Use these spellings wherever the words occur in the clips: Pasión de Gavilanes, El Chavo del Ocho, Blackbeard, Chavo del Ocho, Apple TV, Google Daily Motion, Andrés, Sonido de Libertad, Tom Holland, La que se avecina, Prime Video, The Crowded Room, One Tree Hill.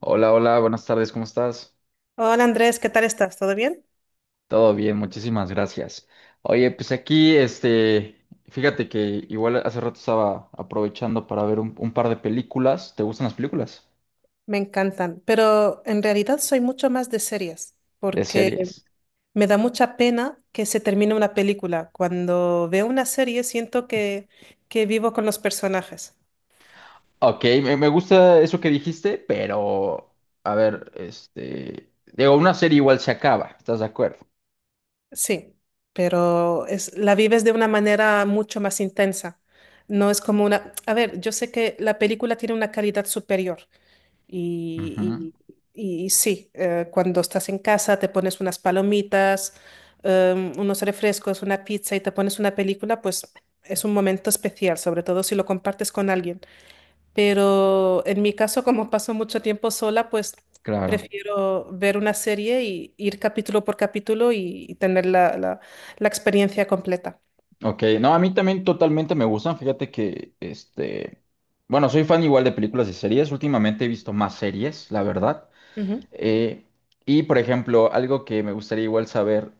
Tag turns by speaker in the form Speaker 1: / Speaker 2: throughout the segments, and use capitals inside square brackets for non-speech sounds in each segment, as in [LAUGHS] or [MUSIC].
Speaker 1: Hola, hola, buenas tardes, ¿cómo estás?
Speaker 2: Hola Andrés, ¿qué tal estás? ¿Todo bien?
Speaker 1: Todo bien, muchísimas gracias. Oye, pues aquí, fíjate que igual hace rato estaba aprovechando para ver un par de películas. ¿Te gustan las películas?
Speaker 2: Me encantan, pero en realidad soy mucho más de series,
Speaker 1: De
Speaker 2: porque
Speaker 1: series.
Speaker 2: me da mucha pena que se termine una película. Cuando veo una serie siento que vivo con los personajes.
Speaker 1: Ok, me gusta eso que dijiste, pero, a ver, digo, una serie igual se acaba, ¿estás de acuerdo?
Speaker 2: Sí, pero es, la vives de una manera mucho más intensa. No es como una... A ver, yo sé que la película tiene una calidad superior,
Speaker 1: Ujú,
Speaker 2: Y, y sí, cuando estás en casa te pones unas palomitas, unos refrescos, una pizza y te pones una película, pues es un momento especial, sobre todo si lo compartes con alguien. Pero en mi caso, como paso mucho tiempo sola, pues
Speaker 1: claro.
Speaker 2: prefiero ver una serie y ir capítulo por capítulo y tener la experiencia completa.
Speaker 1: Ok, no, a mí también totalmente me gustan. Fíjate que, bueno, soy fan igual de películas y series. Últimamente he visto más series, la verdad.
Speaker 2: Ujú.
Speaker 1: Eh, y por ejemplo, algo que me gustaría igual saber,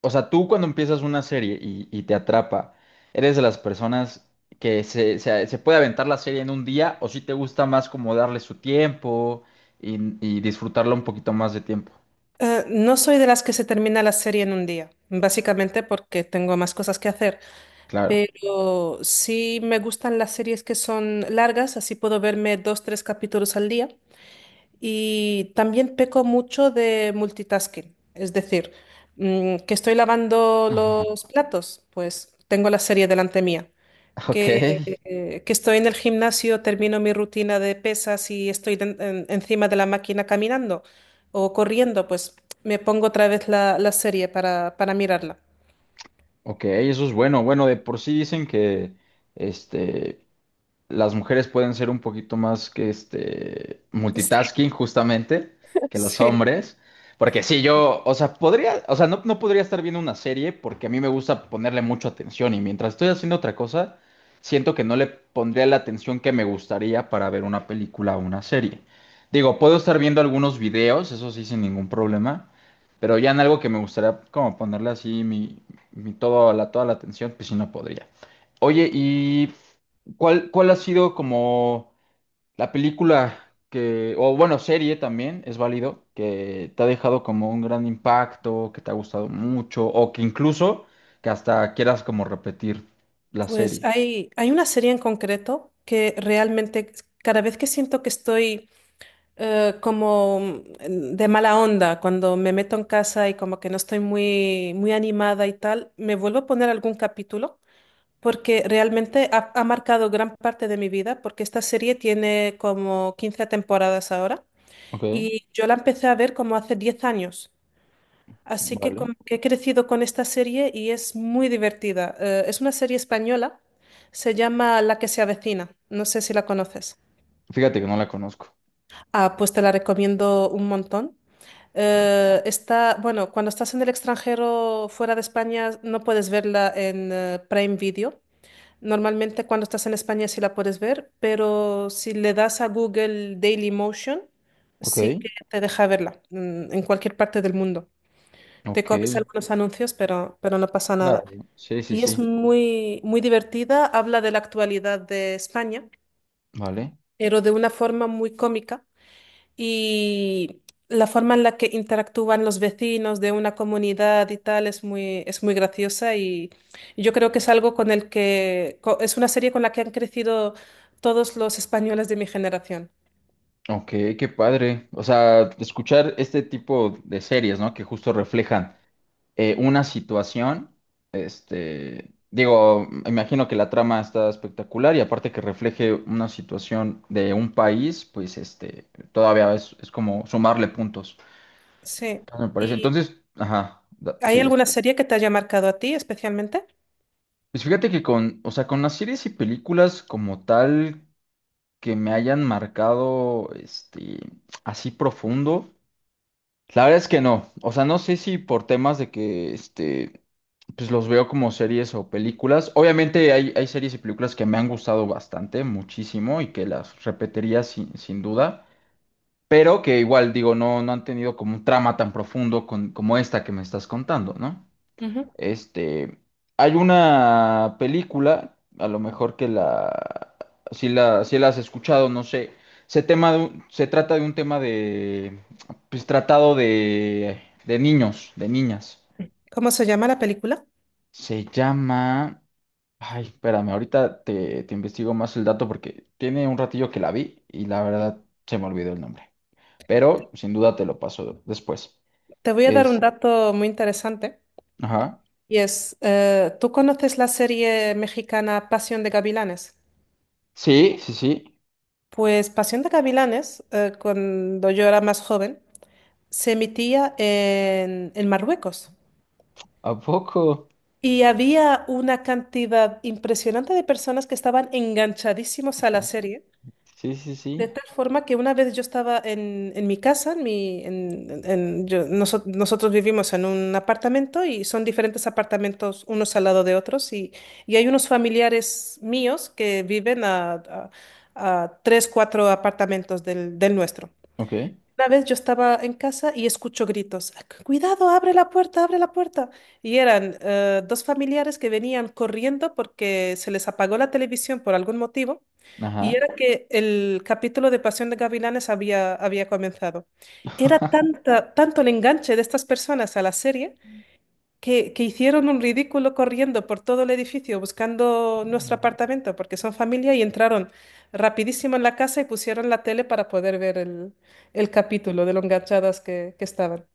Speaker 1: o sea, tú cuando empiezas una serie y te atrapa, ¿eres de las personas que se puede aventar la serie en un día o si te gusta más como darle su tiempo y, y disfrutarla un poquito más de tiempo?
Speaker 2: No soy de las que se termina la serie en un día, básicamente porque tengo más cosas que hacer.
Speaker 1: Claro.
Speaker 2: Pero sí me gustan las series que son largas, así puedo verme dos, tres capítulos al día. Y también peco mucho de multitasking, es decir, que estoy lavando
Speaker 1: Ajá.
Speaker 2: los platos, pues tengo la serie delante mía.
Speaker 1: Ok,
Speaker 2: Que, que estoy en el gimnasio, termino mi rutina de pesas y estoy encima de la máquina caminando o corriendo, pues me pongo otra vez la serie para mirarla.
Speaker 1: ok, eso es bueno. Bueno, de por sí dicen que este, las mujeres pueden ser un poquito más que este
Speaker 2: [LAUGHS] Sí,
Speaker 1: multitasking justamente que los
Speaker 2: sí.
Speaker 1: hombres. Porque sí, yo, o sea, podría, o sea, no podría estar viendo una serie porque a mí me gusta ponerle mucha atención y mientras estoy haciendo otra cosa, siento que no le pondría la atención que me gustaría para ver una película o una serie. Digo, puedo estar viendo algunos videos, eso sí, sin ningún problema, pero ya en algo que me gustaría como ponerle así mi todo, toda la atención, pues sí no podría. Oye, y cuál ha sido como la película que, o bueno, serie también, es válido, que te ha dejado como un gran impacto, que te ha gustado mucho, o que incluso que hasta quieras como repetir la
Speaker 2: Pues
Speaker 1: serie?
Speaker 2: hay una serie en concreto que realmente cada vez que siento que estoy de mala onda, cuando me meto en casa y como que no estoy muy animada y tal, me vuelvo a poner algún capítulo porque realmente ha marcado gran parte de mi vida porque esta serie tiene como 15 temporadas ahora
Speaker 1: Ok,
Speaker 2: y yo la empecé a ver como hace 10 años. Así que
Speaker 1: vale.
Speaker 2: como que he crecido con esta serie y es muy divertida. Es una serie española, se llama La que se avecina. No sé si la conoces.
Speaker 1: Fíjate que no la conozco.
Speaker 2: Ah, pues te la recomiendo un montón. Está, bueno, cuando estás en el extranjero fuera de España no puedes verla en Prime Video. Normalmente cuando estás en España sí la puedes ver, pero si le das a Google Daily Motion,
Speaker 1: Ok,
Speaker 2: sí que te deja verla en cualquier parte del mundo. Te comes
Speaker 1: ok,
Speaker 2: algunos anuncios, pero no pasa
Speaker 1: claro.
Speaker 2: nada.
Speaker 1: Sí, sí,
Speaker 2: Y es Ok.
Speaker 1: sí,
Speaker 2: Muy, muy divertida. Habla de la actualidad de España,
Speaker 1: vale.
Speaker 2: pero de una forma muy cómica y la forma en la que interactúan los vecinos de una comunidad y tal es muy graciosa y yo creo que es algo con el que es una serie con la que han crecido todos los españoles de mi generación.
Speaker 1: Ok, qué padre. O sea, escuchar este tipo de series, ¿no? Que justo reflejan una situación. Este, digo, imagino que la trama está espectacular y aparte que refleje una situación de un país, pues este, todavía es como sumarle puntos,
Speaker 2: Sí.
Speaker 1: me parece.
Speaker 2: ¿Y
Speaker 1: Entonces, ajá,
Speaker 2: hay
Speaker 1: sí.
Speaker 2: alguna serie que te haya marcado a ti especialmente?
Speaker 1: Pues fíjate que con, o sea, con las series y películas como tal que me hayan marcado, este, así profundo. La verdad es que no. O sea, no sé si por temas de que este, pues los veo como series o películas. Obviamente hay, hay series y películas que me han gustado bastante, muchísimo, y que las repetiría sin, sin duda. Pero que igual, digo, no han tenido como un trama tan profundo como esta que me estás contando, ¿no? Este, hay una película, a lo mejor que la, si la has escuchado, no sé. Se trata de un tema de, pues tratado de niños, de niñas.
Speaker 2: ¿Cómo se llama la película?
Speaker 1: Se llama, ay, espérame, ahorita te investigo más el dato porque tiene un ratillo que la vi y la verdad se me olvidó el nombre. Pero sin duda te lo paso después.
Speaker 2: Te voy a dar un
Speaker 1: Este,
Speaker 2: dato muy interesante
Speaker 1: ajá.
Speaker 2: y es, ¿tú conoces la serie mexicana Pasión de Gavilanes?
Speaker 1: Sí, sí, sí.
Speaker 2: Pues Pasión de Gavilanes, cuando yo era más joven, se emitía en Marruecos
Speaker 1: ¿A poco?
Speaker 2: y había una cantidad impresionante de personas que estaban enganchadísimos a la serie.
Speaker 1: Sí, sí,
Speaker 2: De
Speaker 1: sí.
Speaker 2: tal forma que una vez yo estaba en mi casa, en mi, en- yo- noso- nosotros vivimos en un apartamento y son diferentes apartamentos unos al lado de otros y hay unos familiares míos que viven a tres, cuatro apartamentos del nuestro.
Speaker 1: Ok,
Speaker 2: Una vez yo estaba en casa y escucho gritos, cuidado, abre la puerta, abre la puerta. Y eran dos familiares que venían corriendo porque se les apagó la televisión por algún motivo. Y
Speaker 1: ajá.
Speaker 2: era que el capítulo de Pasión de Gavilanes había comenzado. Era
Speaker 1: [LAUGHS]
Speaker 2: tanto el enganche de estas personas a la serie que hicieron un ridículo corriendo por todo el edificio buscando nuestro apartamento porque son familia y entraron rapidísimo en la casa y pusieron la tele para poder ver el capítulo de lo enganchadas que estaban.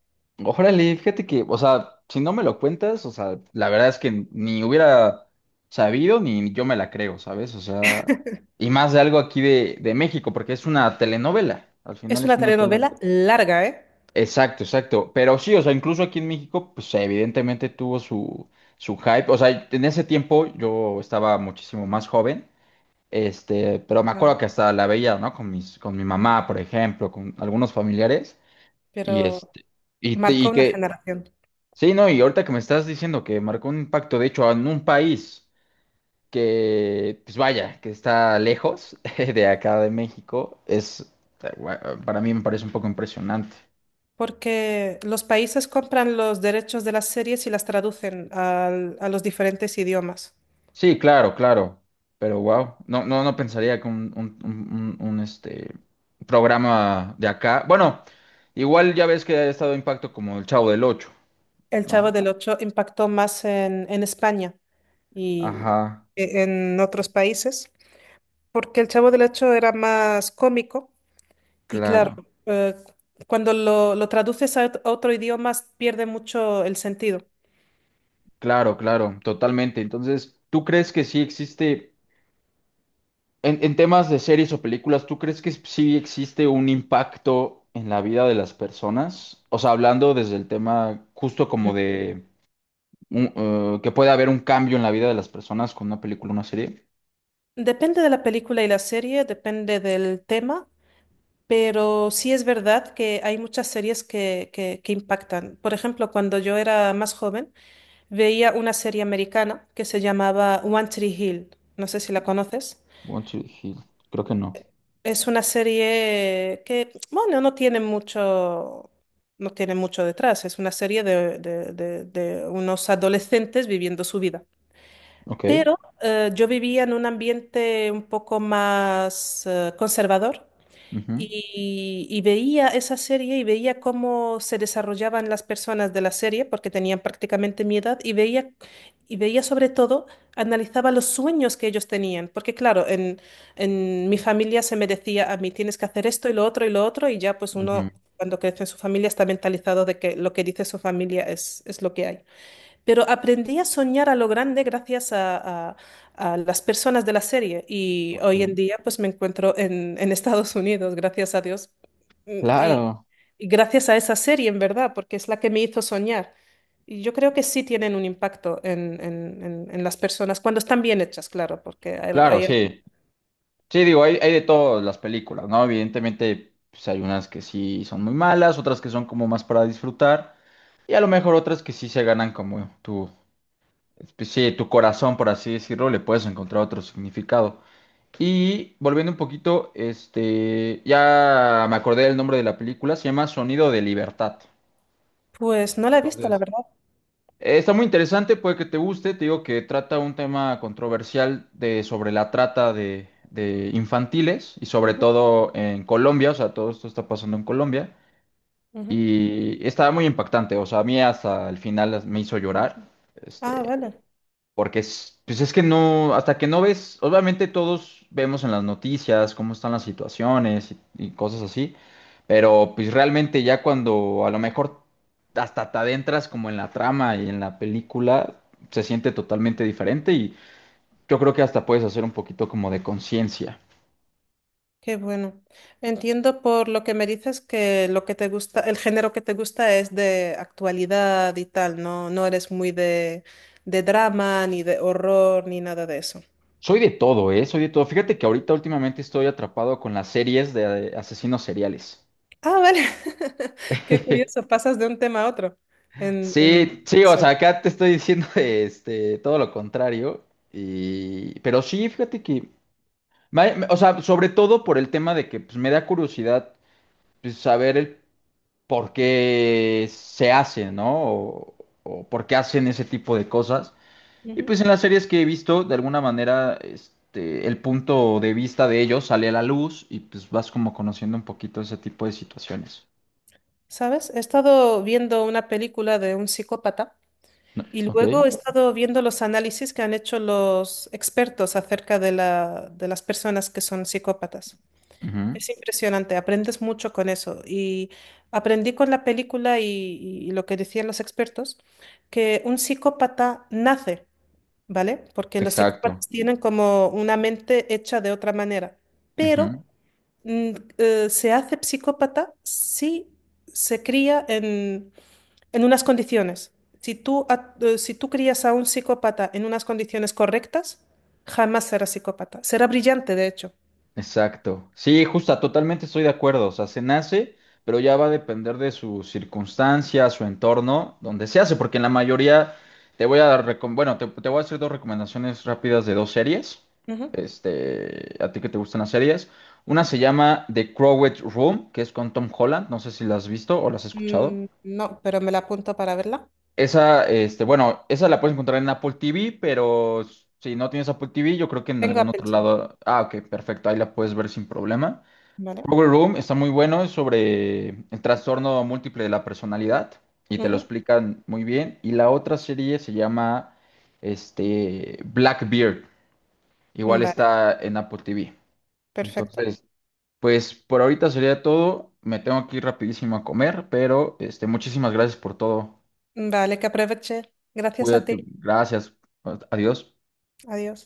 Speaker 1: Órale, fíjate que, o sea, si no me lo cuentas, o sea, la verdad es que ni hubiera sabido ni yo me la creo, ¿sabes? O sea, y más de algo aquí de México, porque es una telenovela, al final
Speaker 2: Es
Speaker 1: es
Speaker 2: una
Speaker 1: una telenovela.
Speaker 2: telenovela larga, ¿eh?
Speaker 1: Exacto, exacto. Pero sí, o sea, incluso aquí en México, pues evidentemente tuvo su, su hype. O sea, en ese tiempo yo estaba muchísimo más joven, este, pero me
Speaker 2: No,
Speaker 1: acuerdo que hasta la veía, ¿no? Con mis, con mi mamá, por ejemplo, con algunos familiares. Y
Speaker 2: pero
Speaker 1: este,
Speaker 2: marcó
Speaker 1: y
Speaker 2: una
Speaker 1: que,
Speaker 2: generación.
Speaker 1: sí, no, y ahorita que me estás diciendo que marcó un impacto, de hecho, en un país que, pues vaya, que está lejos [LAUGHS] de acá de México, es, eh, para mí me parece un poco impresionante.
Speaker 2: Porque los países compran los derechos de las series y las traducen a los diferentes idiomas.
Speaker 1: Sí, claro, claro, pero wow, no, no, no pensaría que un, este, programa de acá, bueno, igual ya ves que ha estado impacto como el Chavo del Ocho,
Speaker 2: El Chavo
Speaker 1: ¿no?
Speaker 2: del Ocho impactó más en España y
Speaker 1: Ajá,
Speaker 2: en otros países, porque el Chavo del Ocho era más cómico y claro,
Speaker 1: claro.
Speaker 2: eh, lo traduces a a otro idioma pierde mucho el sentido.
Speaker 1: Claro, claro, totalmente. Entonces, ¿tú crees que sí existe, en temas de series o películas, ¿tú crees que sí existe un impacto en la vida de las personas? O sea, hablando desde el tema justo como
Speaker 2: Mm.
Speaker 1: de que puede haber un cambio en la vida de las personas con una película o una serie.
Speaker 2: Depende de la película y la serie, depende del tema. Pero sí es verdad que hay muchas series que impactan. Por ejemplo, cuando yo era más joven, veía una serie americana que se llamaba One Tree Hill. No sé si la conoces.
Speaker 1: Want to Heal. Creo que no.
Speaker 2: Es una serie que, bueno, no tiene mucho, no tiene mucho detrás. Es una serie de unos adolescentes viviendo su vida.
Speaker 1: Ok.
Speaker 2: Pero yo vivía en un ambiente un poco más conservador.
Speaker 1: Ujú,
Speaker 2: Y veía esa serie y veía cómo se desarrollaban las personas de la serie, porque tenían prácticamente mi edad, y veía sobre todo, analizaba los sueños que ellos tenían, porque claro, en mi familia se me decía a mí, tienes que hacer esto y lo otro y lo otro, y ya pues
Speaker 1: ujú,
Speaker 2: uno cuando crece en su familia está mentalizado de que lo que dice su familia es lo que hay. Pero aprendí a soñar a lo grande gracias a las personas de la serie y hoy en
Speaker 1: ok.
Speaker 2: día pues me encuentro en [LAUGHS] Estados Unidos, gracias a Dios. Mm, Y,
Speaker 1: Claro,
Speaker 2: y gracias a esa serie, en verdad, porque es la que me hizo soñar. Y yo creo que sí tienen un impacto en las personas, cuando están bien hechas, claro, porque
Speaker 1: claro, sí. Sí, digo, hay de todas las películas, ¿no? Evidentemente, pues hay unas que sí son muy malas, otras que son como más para disfrutar, y a lo mejor otras que sí se ganan como tu, pues, sí, tu corazón, por así decirlo, le puedes encontrar otro significado. Y volviendo un poquito, este, ya me acordé del nombre de la película, se llama Sonido de Libertad.
Speaker 2: Pues no la he visto, la
Speaker 1: Entonces,
Speaker 2: verdad.
Speaker 1: está muy interesante, puede que te guste. Te digo que trata un tema controversial de, sobre la trata de infantiles y sobre
Speaker 2: Ujú,
Speaker 1: todo en Colombia, o sea, todo esto está pasando en Colombia
Speaker 2: ujú.
Speaker 1: y estaba muy impactante, o sea, a mí hasta el final me hizo llorar.
Speaker 2: Ah,
Speaker 1: Este,
Speaker 2: vale.
Speaker 1: porque es, pues es que no, hasta que no ves, obviamente todos vemos en las noticias cómo están las situaciones y cosas así, pero pues realmente ya cuando a lo mejor hasta te adentras como en la trama y en la película, se siente totalmente diferente y yo creo que hasta puedes hacer un poquito como de conciencia.
Speaker 2: Qué bueno. Entiendo por lo que me dices que lo que te gusta, el género que te gusta es de actualidad y tal, no, no eres muy de drama, ni de horror, ni nada de eso.
Speaker 1: Soy de todo, ¿eh? Soy de todo. Fíjate que ahorita últimamente estoy atrapado con las series de asesinos seriales.
Speaker 2: Ah, vale. [LAUGHS] Qué
Speaker 1: [LAUGHS]
Speaker 2: curioso, pasas de un tema a otro
Speaker 1: Sí, sí,
Speaker 2: en
Speaker 1: o sea,
Speaker 2: serio.
Speaker 1: acá te estoy diciendo [LAUGHS] este, todo lo contrario. Y, pero sí, fíjate que, o sea, sobre todo por el tema de que pues, me da curiosidad pues, saber el por qué se hace, ¿no? O por qué hacen ese tipo de cosas. Y
Speaker 2: Ujú.
Speaker 1: pues en las series que he visto, de alguna manera, este, el punto de vista de ellos sale a la luz y pues vas como conociendo un poquito ese tipo de situaciones.
Speaker 2: ¿Sabes? He estado viendo una película de un psicópata y
Speaker 1: Ok.
Speaker 2: luego he estado viendo los análisis que han hecho los expertos acerca de de las personas que son psicópatas.
Speaker 1: Ujú,
Speaker 2: Es impresionante, aprendes mucho con eso. Y aprendí con la película y lo que decían los expertos, que un psicópata nace, ¿vale? Porque los
Speaker 1: exacto.
Speaker 2: psicópatas tienen como una mente hecha de otra manera, pero mm, se hace psicópata si se cría en unas condiciones. Si si tú crías a un psicópata en unas condiciones correctas, jamás será psicópata. Será brillante, de hecho.
Speaker 1: Exacto. Sí, justa, totalmente estoy de acuerdo. O sea, se nace, pero ya va a depender de su circunstancia, su entorno, donde se hace, porque en la mayoría te voy a dar, recom- bueno, te voy a hacer dos recomendaciones rápidas de dos series. Este, a ti que te gustan las series. Una se llama The Crowded Room, que es con Tom Holland. No sé si la has visto o la has escuchado.
Speaker 2: Mm, no, pero me la apunto para verla.
Speaker 1: Esa, este, bueno, esa la puedes encontrar en Apple TV, pero si no tienes Apple TV, yo creo que en
Speaker 2: Tengo
Speaker 1: algún
Speaker 2: Apple
Speaker 1: otro
Speaker 2: TV,
Speaker 1: lado. Ah, ok, perfecto, ahí la puedes ver sin problema.
Speaker 2: ¿vale?
Speaker 1: Power Room está muy bueno, es sobre el trastorno múltiple de la personalidad y te lo
Speaker 2: Ujú.
Speaker 1: explican muy bien. Y la otra serie se llama este, Blackbeard, igual
Speaker 2: Vale,
Speaker 1: está en Apple TV.
Speaker 2: perfecto.
Speaker 1: Entonces, pues por ahorita sería todo. Me tengo que ir rapidísimo a comer, pero este, muchísimas gracias por todo.
Speaker 2: Vale, que aproveche. Gracias a
Speaker 1: Cuídate,
Speaker 2: ti.
Speaker 1: gracias, adiós.
Speaker 2: Adiós.